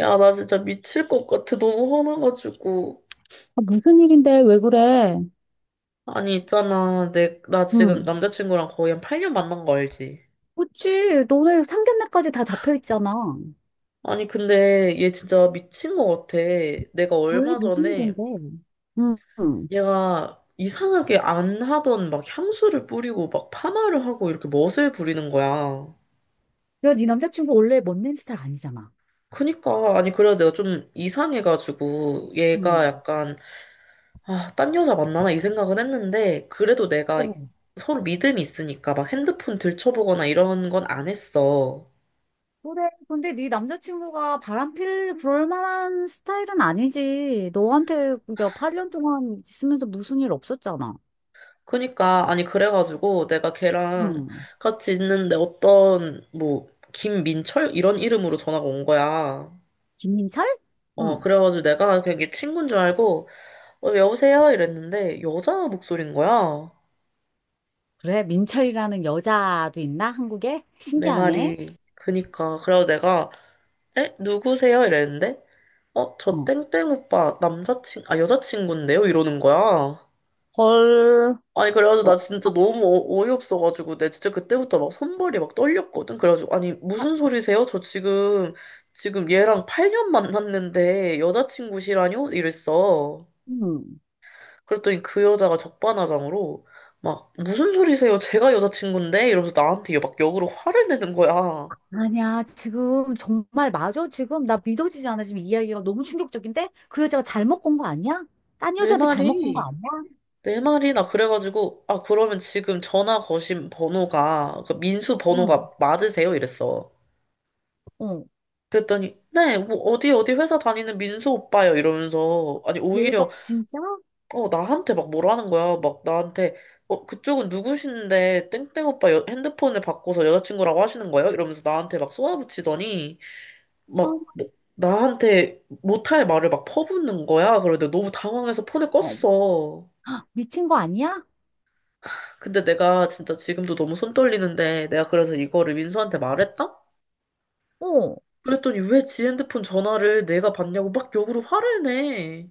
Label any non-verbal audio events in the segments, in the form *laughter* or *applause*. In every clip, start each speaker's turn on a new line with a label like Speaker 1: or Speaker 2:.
Speaker 1: 야, 나 진짜 미칠 것 같아. 너무 화나가지고.
Speaker 2: 아, 무슨 일인데? 왜 그래?
Speaker 1: 아니, 있잖아. 나 지금
Speaker 2: 응.
Speaker 1: 남자친구랑 거의 한 8년 만난 거 알지?
Speaker 2: 그치, 너네 상견례까지 다 잡혀 있잖아.
Speaker 1: 아니, 근데 얘 진짜 미친 것 같아. 내가
Speaker 2: 왜?
Speaker 1: 얼마
Speaker 2: 무슨
Speaker 1: 전에
Speaker 2: 일인데? 응. 응.
Speaker 1: 얘가 이상하게 안 하던 막 향수를 뿌리고 막 파마를 하고 이렇게 멋을 부리는 거야.
Speaker 2: 야, 네 남자친구 원래 멋낸 스타일 아니잖아.
Speaker 1: 그니까, 아니, 그래도 내가 좀 이상해가지고 얘가
Speaker 2: 응.
Speaker 1: 약간 아, 딴 여자 만나나 이 생각은 했는데, 그래도 내가
Speaker 2: 어.
Speaker 1: 서로 믿음이 있으니까 막 핸드폰 들춰보거나 이런 건 안 했어.
Speaker 2: 그래. 근데 네 남자친구가 바람필 그럴 만한 스타일은 아니지. 너한테 그게 8년 동안 있으면서 무슨 일 없었잖아.
Speaker 1: 그니까, 아니, 그래가지고 내가 걔랑
Speaker 2: 응.
Speaker 1: 같이 있는데 어떤, 뭐, 김민철? 이런 이름으로 전화가 온 거야.
Speaker 2: 김민철?
Speaker 1: 어,
Speaker 2: 응.
Speaker 1: 그래가지고 내가 그냥 친구인 줄 알고, 어, 여보세요? 이랬는데, 여자 목소리인 거야.
Speaker 2: 그래, 민철이라는 여자도 있나? 한국에?
Speaker 1: 내
Speaker 2: 신기하네.
Speaker 1: 말이. 그니까. 그래서 내가, 에? 누구세요? 이랬는데, 어, 저
Speaker 2: 어.
Speaker 1: 땡땡 오빠 여자친구인데요? 이러는 거야.
Speaker 2: 헐.
Speaker 1: 아니, 그래가지고 나
Speaker 2: 어.
Speaker 1: 진짜 너무 어이없어가지고, 내 진짜 그때부터 막 손발이 막 떨렸거든? 그래가지고, 아니,
Speaker 2: 아,
Speaker 1: 무슨 소리세요? 지금 얘랑 8년 만났는데 여자친구시라뇨? 이랬어.
Speaker 2: 응.
Speaker 1: 그랬더니 그 여자가 적반하장으로, 막, 무슨 소리세요? 제가 여자친구인데? 이러면서 나한테 막 역으로 화를 내는 거야.
Speaker 2: 아니야, 지금 정말 맞아. 지금 나 믿어지지 않아. 지금 이야기가 너무 충격적인데? 그 여자가 잘못 건 거 아니야? 딴
Speaker 1: 내
Speaker 2: 여자한테 잘못 건 거
Speaker 1: 말이.
Speaker 2: 아니야?
Speaker 1: 네 마리나 그래가지고 아 그러면 지금 전화 거신 번호가 그 민수
Speaker 2: 응.
Speaker 1: 번호가 맞으세요? 이랬어.
Speaker 2: 어.
Speaker 1: 그랬더니 네 뭐 어디 어디 회사 다니는 민수 오빠요 이러면서 아니 오히려
Speaker 2: 대박, 진짜?
Speaker 1: 어 나한테 막 뭐라는 거야 막 나한테 어 그쪽은 누구신데 땡땡 오빠 핸드폰을 바꿔서 여자친구라고 하시는 거예요? 이러면서 나한테 막 쏘아붙이더니
Speaker 2: 어.
Speaker 1: 막 나한테 못할 말을 막 퍼붓는 거야. 그런데 너무 당황해서 폰을
Speaker 2: 어.
Speaker 1: 껐어.
Speaker 2: 미친 거 아니야?
Speaker 1: 근데 내가 진짜 지금도 너무 손 떨리는데 내가 그래서 이거를 민수한테 말했다?
Speaker 2: 어.
Speaker 1: 그랬더니 왜 지 핸드폰 전화를 내가 받냐고 막 역으로 화를 내.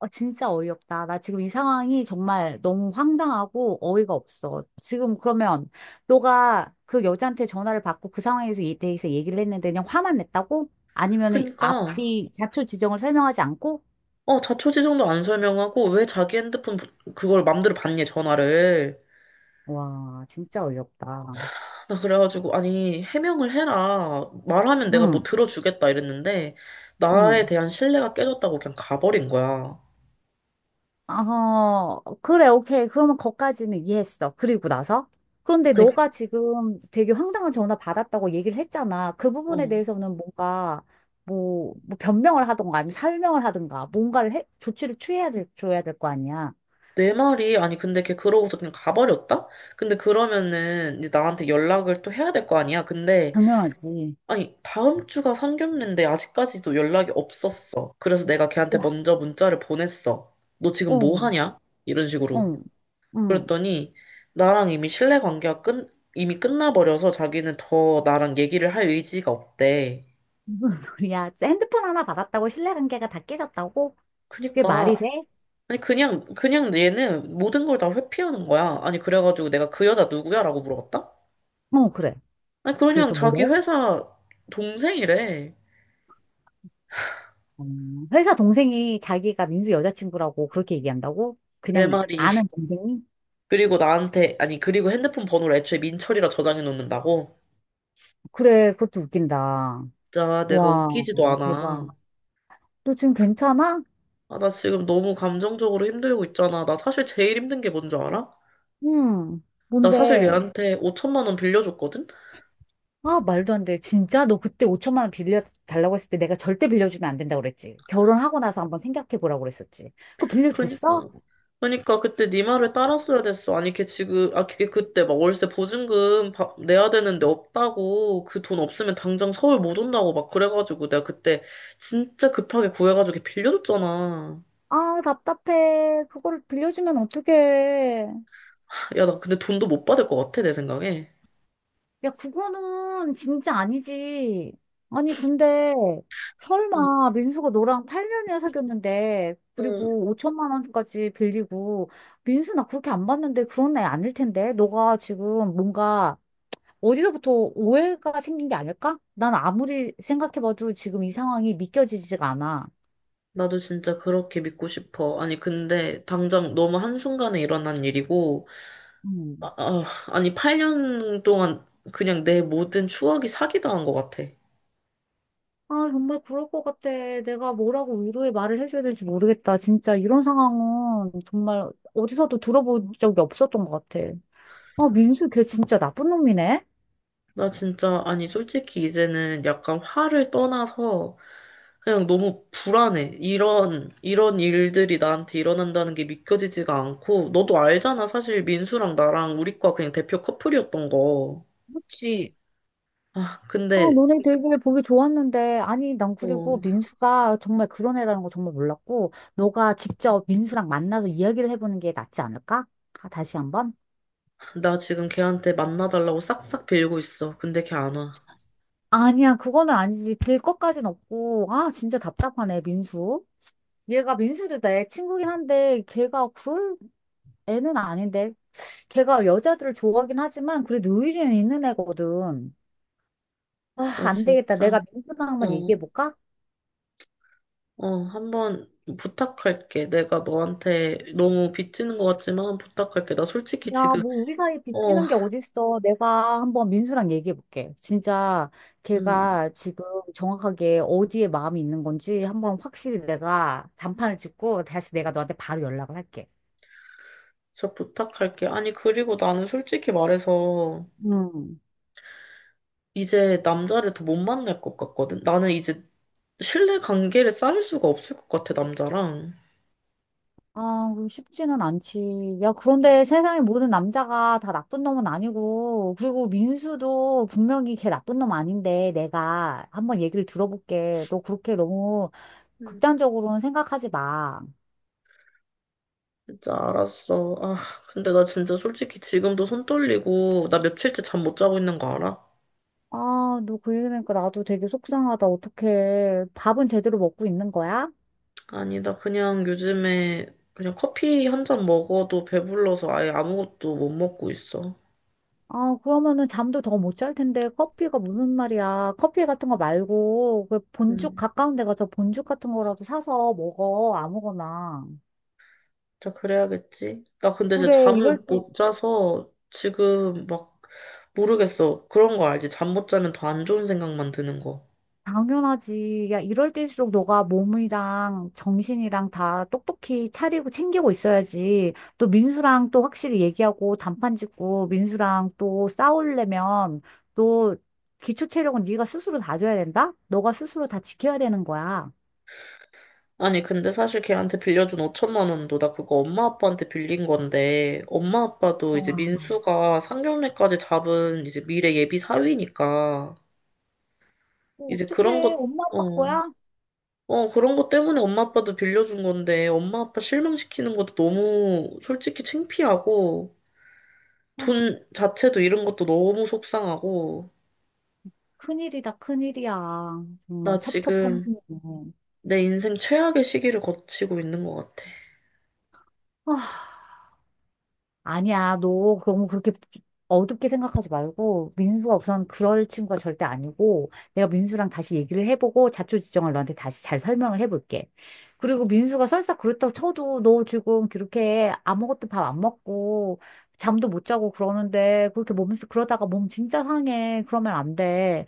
Speaker 2: 아 진짜 어이없다. 나 지금 이 상황이 정말 너무 황당하고 어이가 없어. 지금 그러면 너가 그 여자한테 전화를 받고 그 상황에서 이 대해서 얘기를 했는데 그냥 화만 냈다고? 아니면은
Speaker 1: 그러니까
Speaker 2: 앞뒤 자초 지정을 설명하지 않고?
Speaker 1: 어 자초지종도 안 설명하고 왜 자기 핸드폰 그걸 맘대로 받냐 전화를.
Speaker 2: 와, 진짜 어이없다.
Speaker 1: 나 그래가지고 아니 해명을 해라. 말하면 내가 뭐
Speaker 2: 응.
Speaker 1: 들어주겠다 이랬는데 나에
Speaker 2: 응.
Speaker 1: 대한 신뢰가 깨졌다고 그냥 가버린 거야.
Speaker 2: 어, 그래, 오케이. 그러면 거기까지는 이해했어. 그리고 나서? 그런데
Speaker 1: 아니,
Speaker 2: 너가 지금 되게 황당한 전화 받았다고 얘기를 했잖아. 그 부분에
Speaker 1: 어.
Speaker 2: 대해서는 뭔가, 뭐 변명을 하던가, 아니면 설명을 하던가, 뭔가를 해, 조치를 취해야 될, 줘야 될 거 아니야.
Speaker 1: 내 말이, 아니, 근데 걔 그러고서 그냥 가버렸다? 근데 그러면은 이제 나한테 연락을 또 해야 될 거 아니야? 근데,
Speaker 2: 당연하지.
Speaker 1: 아니, 다음 주가 상견례인데 아직까지도 연락이 없었어. 그래서 내가 걔한테
Speaker 2: 와,
Speaker 1: 먼저 문자를 보냈어. 너 지금 뭐
Speaker 2: 어,
Speaker 1: 하냐? 이런 식으로.
Speaker 2: 응, 응. 무슨
Speaker 1: 그랬더니, 나랑 이미 신뢰 관계가 이미 끝나버려서 자기는 더 나랑 얘기를 할 의지가 없대.
Speaker 2: *laughs* 소리야? 진짜 핸드폰 하나 받았다고 신뢰관계가 다 깨졌다고? 그게
Speaker 1: 그니까,
Speaker 2: 말이 돼?
Speaker 1: 아니, 그냥 얘는 모든 걸 다 회피하는 거야. 아니, 그래가지고 내가 그 여자 누구야? 라고 물어봤다?
Speaker 2: 어, 그래.
Speaker 1: 아니, 그냥
Speaker 2: 그래서 뭐래?
Speaker 1: 자기 회사 동생이래.
Speaker 2: 회사 동생이 자기가 민수 여자친구라고 그렇게 얘기한다고?
Speaker 1: 네
Speaker 2: 그냥
Speaker 1: 마리.
Speaker 2: 아는
Speaker 1: *laughs*
Speaker 2: 동생이?
Speaker 1: 그리고 나한테, 아니, 그리고 핸드폰 번호를 애초에 민철이라 저장해 놓는다고?
Speaker 2: 그래, 그것도 웃긴다.
Speaker 1: 진짜 내가
Speaker 2: 와,
Speaker 1: 웃기지도 않아.
Speaker 2: 대박. 너 지금 괜찮아?
Speaker 1: 아, 나 지금 너무 감정적으로 힘들고 있잖아. 나 사실 제일 힘든 게 뭔 줄 알아?
Speaker 2: 응.
Speaker 1: 나 사실
Speaker 2: 뭔데?
Speaker 1: 얘한테 5천만 원 빌려줬거든?
Speaker 2: 아, 말도 안 돼. 진짜? 너 그때 5천만 원 빌려 달라고 했을 때 내가 절대 빌려주면 안 된다고 그랬지. 결혼하고 나서 한번 생각해 보라고 그랬었지. 그거 빌려줬어?
Speaker 1: 그러니까 그러니까 그때 네 말을 따랐어야 됐어. 아니 걔 지금 아 걔 그때 막 월세 보증금 내야 되는데 없다고 그 돈 없으면 당장 서울 못 온다고 막 그래가지고 내가 그때 진짜 급하게 구해가지고 걔 빌려줬잖아.
Speaker 2: 아, 답답해. 그거를 빌려주면 어떡해.
Speaker 1: 야 나 근데 돈도 못 받을 것 같아 내 생각에.
Speaker 2: 야, 그거는 진짜 아니지. 아니, 근데
Speaker 1: 응,
Speaker 2: 설마 민수가 너랑 8년이나 사귀었는데,
Speaker 1: 응.
Speaker 2: 그리고 5천만 원까지 빌리고, 민수 나 그렇게 안 봤는데 그런 애 아닐 텐데. 너가 지금 뭔가 어디서부터 오해가 생긴 게 아닐까? 난 아무리 생각해봐도 지금 이 상황이 믿겨지지가 않아.
Speaker 1: 나도 진짜 그렇게 믿고 싶어. 아니, 근데 당장 너무 한순간에 일어난 일이고,
Speaker 2: 음.
Speaker 1: 아니, 8년 동안 그냥 내 모든 추억이 사기당한 것 같아.
Speaker 2: 아, 정말 그럴 것 같아. 내가 뭐라고 위로의 말을 해줘야 될지 모르겠다. 진짜 이런 상황은 정말 어디서도 들어본 적이 없었던 것 같아. 아, 민수 걔 진짜 나쁜 놈이네.
Speaker 1: 나 진짜, 아니, 솔직히 이제는 약간 화를 떠나서 그냥 너무 불안해. 이런 일들이 나한테 일어난다는 게 믿겨지지가 않고, 너도 알잖아. 사실 민수랑 나랑 우리 과 그냥 대표 커플이었던 거.
Speaker 2: 그렇지.
Speaker 1: 아,
Speaker 2: 아,
Speaker 1: 근데,
Speaker 2: 너네 되게 보기 좋았는데. 아니, 난 그리고
Speaker 1: 어,
Speaker 2: 민수가 정말 그런 애라는 거 정말 몰랐고, 너가 직접 민수랑 만나서 이야기를 해보는 게 낫지 않을까? 아, 다시 한번?
Speaker 1: 나 지금 걔한테 만나달라고 싹싹 빌고 있어. 근데 걔 안 와.
Speaker 2: 아니야, 그거는 아니지. 될 것까진 없고. 아, 진짜 답답하네, 민수. 얘가 민수도 내 친구긴 한데, 걔가 그럴 애는 아닌데. 걔가 여자들을 좋아하긴 하지만, 그래도 의리는 있는 애거든. 아,
Speaker 1: 나
Speaker 2: 안 되겠다.
Speaker 1: 진짜,
Speaker 2: 내가 민수랑 한번
Speaker 1: 어,
Speaker 2: 얘기해볼까?
Speaker 1: 한번 부탁할게. 내가 너한테 너무 빚지는 것 같지만 부탁할게. 나 솔직히
Speaker 2: 야,
Speaker 1: 지금,
Speaker 2: 뭐 우리 사이
Speaker 1: 어,
Speaker 2: 빚지는 게 어딨어. 내가 한번 민수랑 얘기해 볼게. 진짜
Speaker 1: 음.
Speaker 2: 걔가 지금 정확하게 어디에 마음이 있는 건지 한번 확실히 내가 단판을 짓고 다시 내가 너한테 바로 연락을 할게.
Speaker 1: 진짜 부탁할게. 아니, 그리고 나는 솔직히 말해서
Speaker 2: 음.
Speaker 1: 이제 남자를 더 못 만날 것 같거든. 나는 이제 신뢰 관계를 쌓을 수가 없을 것 같아, 남자랑.
Speaker 2: 아, 그거 쉽지는 않지. 야, 그런데 세상의 모든 남자가 다 나쁜 놈은 아니고, 그리고 민수도 분명히 걔 나쁜 놈 아닌데, 내가 한번 얘기를 들어볼게. 너 그렇게 너무
Speaker 1: 음.
Speaker 2: 극단적으로는 생각하지 마.
Speaker 1: 진짜 알았어. 아, 근데 나 진짜 솔직히 지금도 손 떨리고, 나 며칠째 잠 못 자고 있는 거 알아?
Speaker 2: 아, 너 그 얘기하니까 나도 되게 속상하다. 어떡해. 밥은 제대로 먹고 있는 거야?
Speaker 1: 아니, 나 그냥 요즘에 그냥 커피 한 잔 먹어도 배불러서 아예 아무것도 못 먹고 있어.
Speaker 2: 아, 그러면은 잠도 더 못 잘 텐데 커피가 무슨 말이야. 커피 같은 거 말고 그 본죽
Speaker 1: 음.
Speaker 2: 가까운 데 가서 본죽 같은 거라도 사서 먹어. 아무거나.
Speaker 1: 자, 그래야겠지. 나 근데 이제
Speaker 2: 그래,
Speaker 1: 잠을
Speaker 2: 이럴 때
Speaker 1: 못 자서 지금 막 모르겠어. 그런 거 알지? 잠 못 자면 더 안 좋은 생각만 드는 거.
Speaker 2: 당연하지. 야, 이럴 때일수록 너가 몸이랑 정신이랑 다 똑똑히 차리고 챙기고 있어야지. 또 민수랑 또 확실히 얘기하고 단판 짓고 민수랑 또 싸우려면 또 기초 체력은 네가 스스로 다져야 된다? 너가 스스로 다 지켜야 되는 거야.
Speaker 1: 아니, 근데 사실 걔한테 빌려준 5천만 원도 나 그거 엄마 아빠한테 빌린 건데, 엄마 아빠도 이제
Speaker 2: 와,
Speaker 1: 민수가 상견례까지 잡은 이제 미래 예비 사위니까,
Speaker 2: 어,
Speaker 1: 이제 그런
Speaker 2: 어떡해.
Speaker 1: 것,
Speaker 2: 엄마
Speaker 1: 어,
Speaker 2: 아빠 거야?
Speaker 1: 그런 것 때문에 엄마 아빠도 빌려준 건데, 엄마 아빠 실망시키는 것도 너무 솔직히 창피하고,
Speaker 2: 아,
Speaker 1: 돈 자체도 잃은 것도 너무 속상하고,
Speaker 2: 큰일이다, 큰일이야.
Speaker 1: 나
Speaker 2: 정말
Speaker 1: 지금
Speaker 2: 첩첩산중이네.
Speaker 1: 내 인생 최악의 시기를 거치고 있는 것 같아.
Speaker 2: 아니야, 너 너무 그렇게 어둡게 생각하지 말고, 민수가 우선 그럴 친구가 절대 아니고, 내가 민수랑 다시 얘기를 해보고, 자초지종을 너한테 다시 잘 설명을 해볼게. 그리고 민수가 설사 그렇다고 쳐도, 너 지금 그렇게 아무것도 밥 안 먹고, 잠도 못 자고 그러는데, 그렇게 몸, 그러다가 몸 진짜 상해. 그러면 안 돼.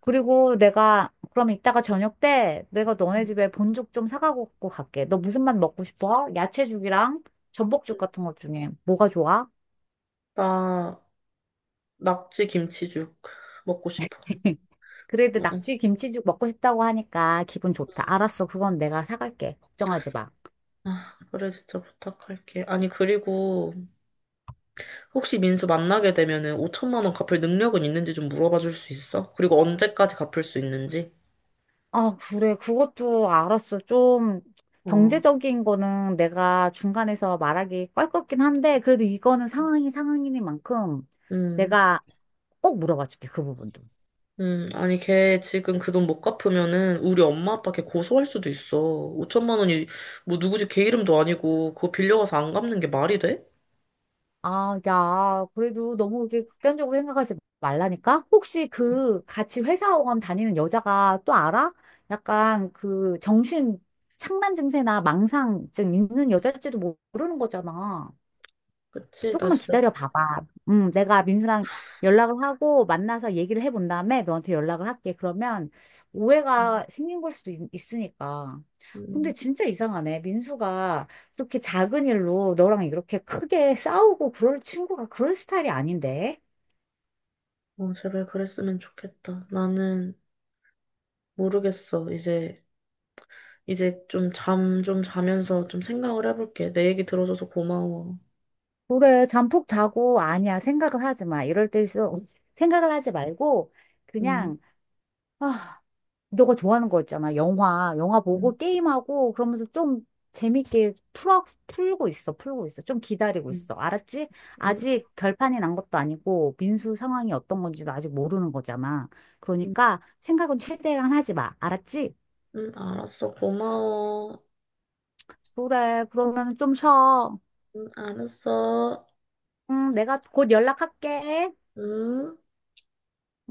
Speaker 2: 그리고 내가, 그럼 이따가 저녁 때 내가 너네
Speaker 1: 음.
Speaker 2: 집에 본죽 좀 사가고 갈게. 너 무슨 맛 먹고 싶어? 야채죽이랑 전복죽 같은 것 중에 뭐가 좋아?
Speaker 1: 나 낙지 김치죽 먹고 싶어.
Speaker 2: *laughs* 그래도
Speaker 1: 응,
Speaker 2: 낙지 김치죽 먹고 싶다고 하니까 기분 좋다.
Speaker 1: 응.
Speaker 2: 알았어. 그건 내가 사갈게. 걱정하지 마.
Speaker 1: 아, 그래, 진짜 부탁할게. 아니, 그리고 혹시 민수 만나게 되면은 5천만 원 갚을 능력은 있는지 좀 물어봐 줄 수 있어? 그리고 언제까지 갚을 수 있는지?
Speaker 2: 아, 그래. 그것도 알았어. 좀
Speaker 1: 어,
Speaker 2: 경제적인 거는 내가 중간에서 말하기 껄끄럽긴 한데, 그래도 이거는 상황이 상황이니만큼
Speaker 1: 음.
Speaker 2: 내가 꼭 물어봐 줄게. 그 부분도.
Speaker 1: 아니, 걔 지금 그 돈 못 갚으면은 우리 엄마 아빠 걔 고소할 수도 있어. 5천만 원이 뭐 누구 집 걔 이름도 아니고 그거 빌려가서 안 갚는 게 말이 돼?
Speaker 2: 아, 야, 그래도 너무 이렇게 극단적으로 생각하지 말라니까? 혹시 그 같이 회사원 다니는 여자가 또 알아? 약간 그 정신 착란 증세나 망상증 있는 여자일지도 모르는 거잖아.
Speaker 1: 그치, 나
Speaker 2: 조금만
Speaker 1: 진짜.
Speaker 2: 기다려 봐봐. 내가 민수랑 연락을 하고 만나서 얘기를 해본 다음에 너한테 연락을 할게. 그러면
Speaker 1: 음,
Speaker 2: 오해가 생긴 걸 수도 있으니까. 근데
Speaker 1: 음,
Speaker 2: 진짜 이상하네. 민수가 이렇게 작은 일로 너랑 이렇게 크게 싸우고 그럴 친구가 그럴 스타일이 아닌데.
Speaker 1: 어, 제발 그랬으면 좋겠다. 나는 모르겠어. 이제, 이제 좀 자면서 좀 생각을 해볼게. 내 얘기 들어줘서 고마워.
Speaker 2: 그래, 잠푹 자고 아니야. 생각을 하지 마. 이럴 때일수록 *laughs* 생각을 하지 말고
Speaker 1: 음,
Speaker 2: 그냥 아, 너가 좋아하는 거 있잖아. 영화 보고
Speaker 1: 음,
Speaker 2: 게임하고 그러면서 좀 재밌게 풀어, 풀고 있어, 풀고 있어. 좀 기다리고
Speaker 1: 음,
Speaker 2: 있어. 알았지?
Speaker 1: 음,
Speaker 2: 아직 결판이 난 것도 아니고 민수 상황이 어떤 건지도 아직 모르는 거잖아.
Speaker 1: 음,
Speaker 2: 그러니까 생각은 최대한 하지 마. 알았지?
Speaker 1: 알았어. 고마워.
Speaker 2: 그래, 그러면 좀 쉬어.
Speaker 1: 알았어.
Speaker 2: 응, 내가 곧 연락할게.
Speaker 1: 음.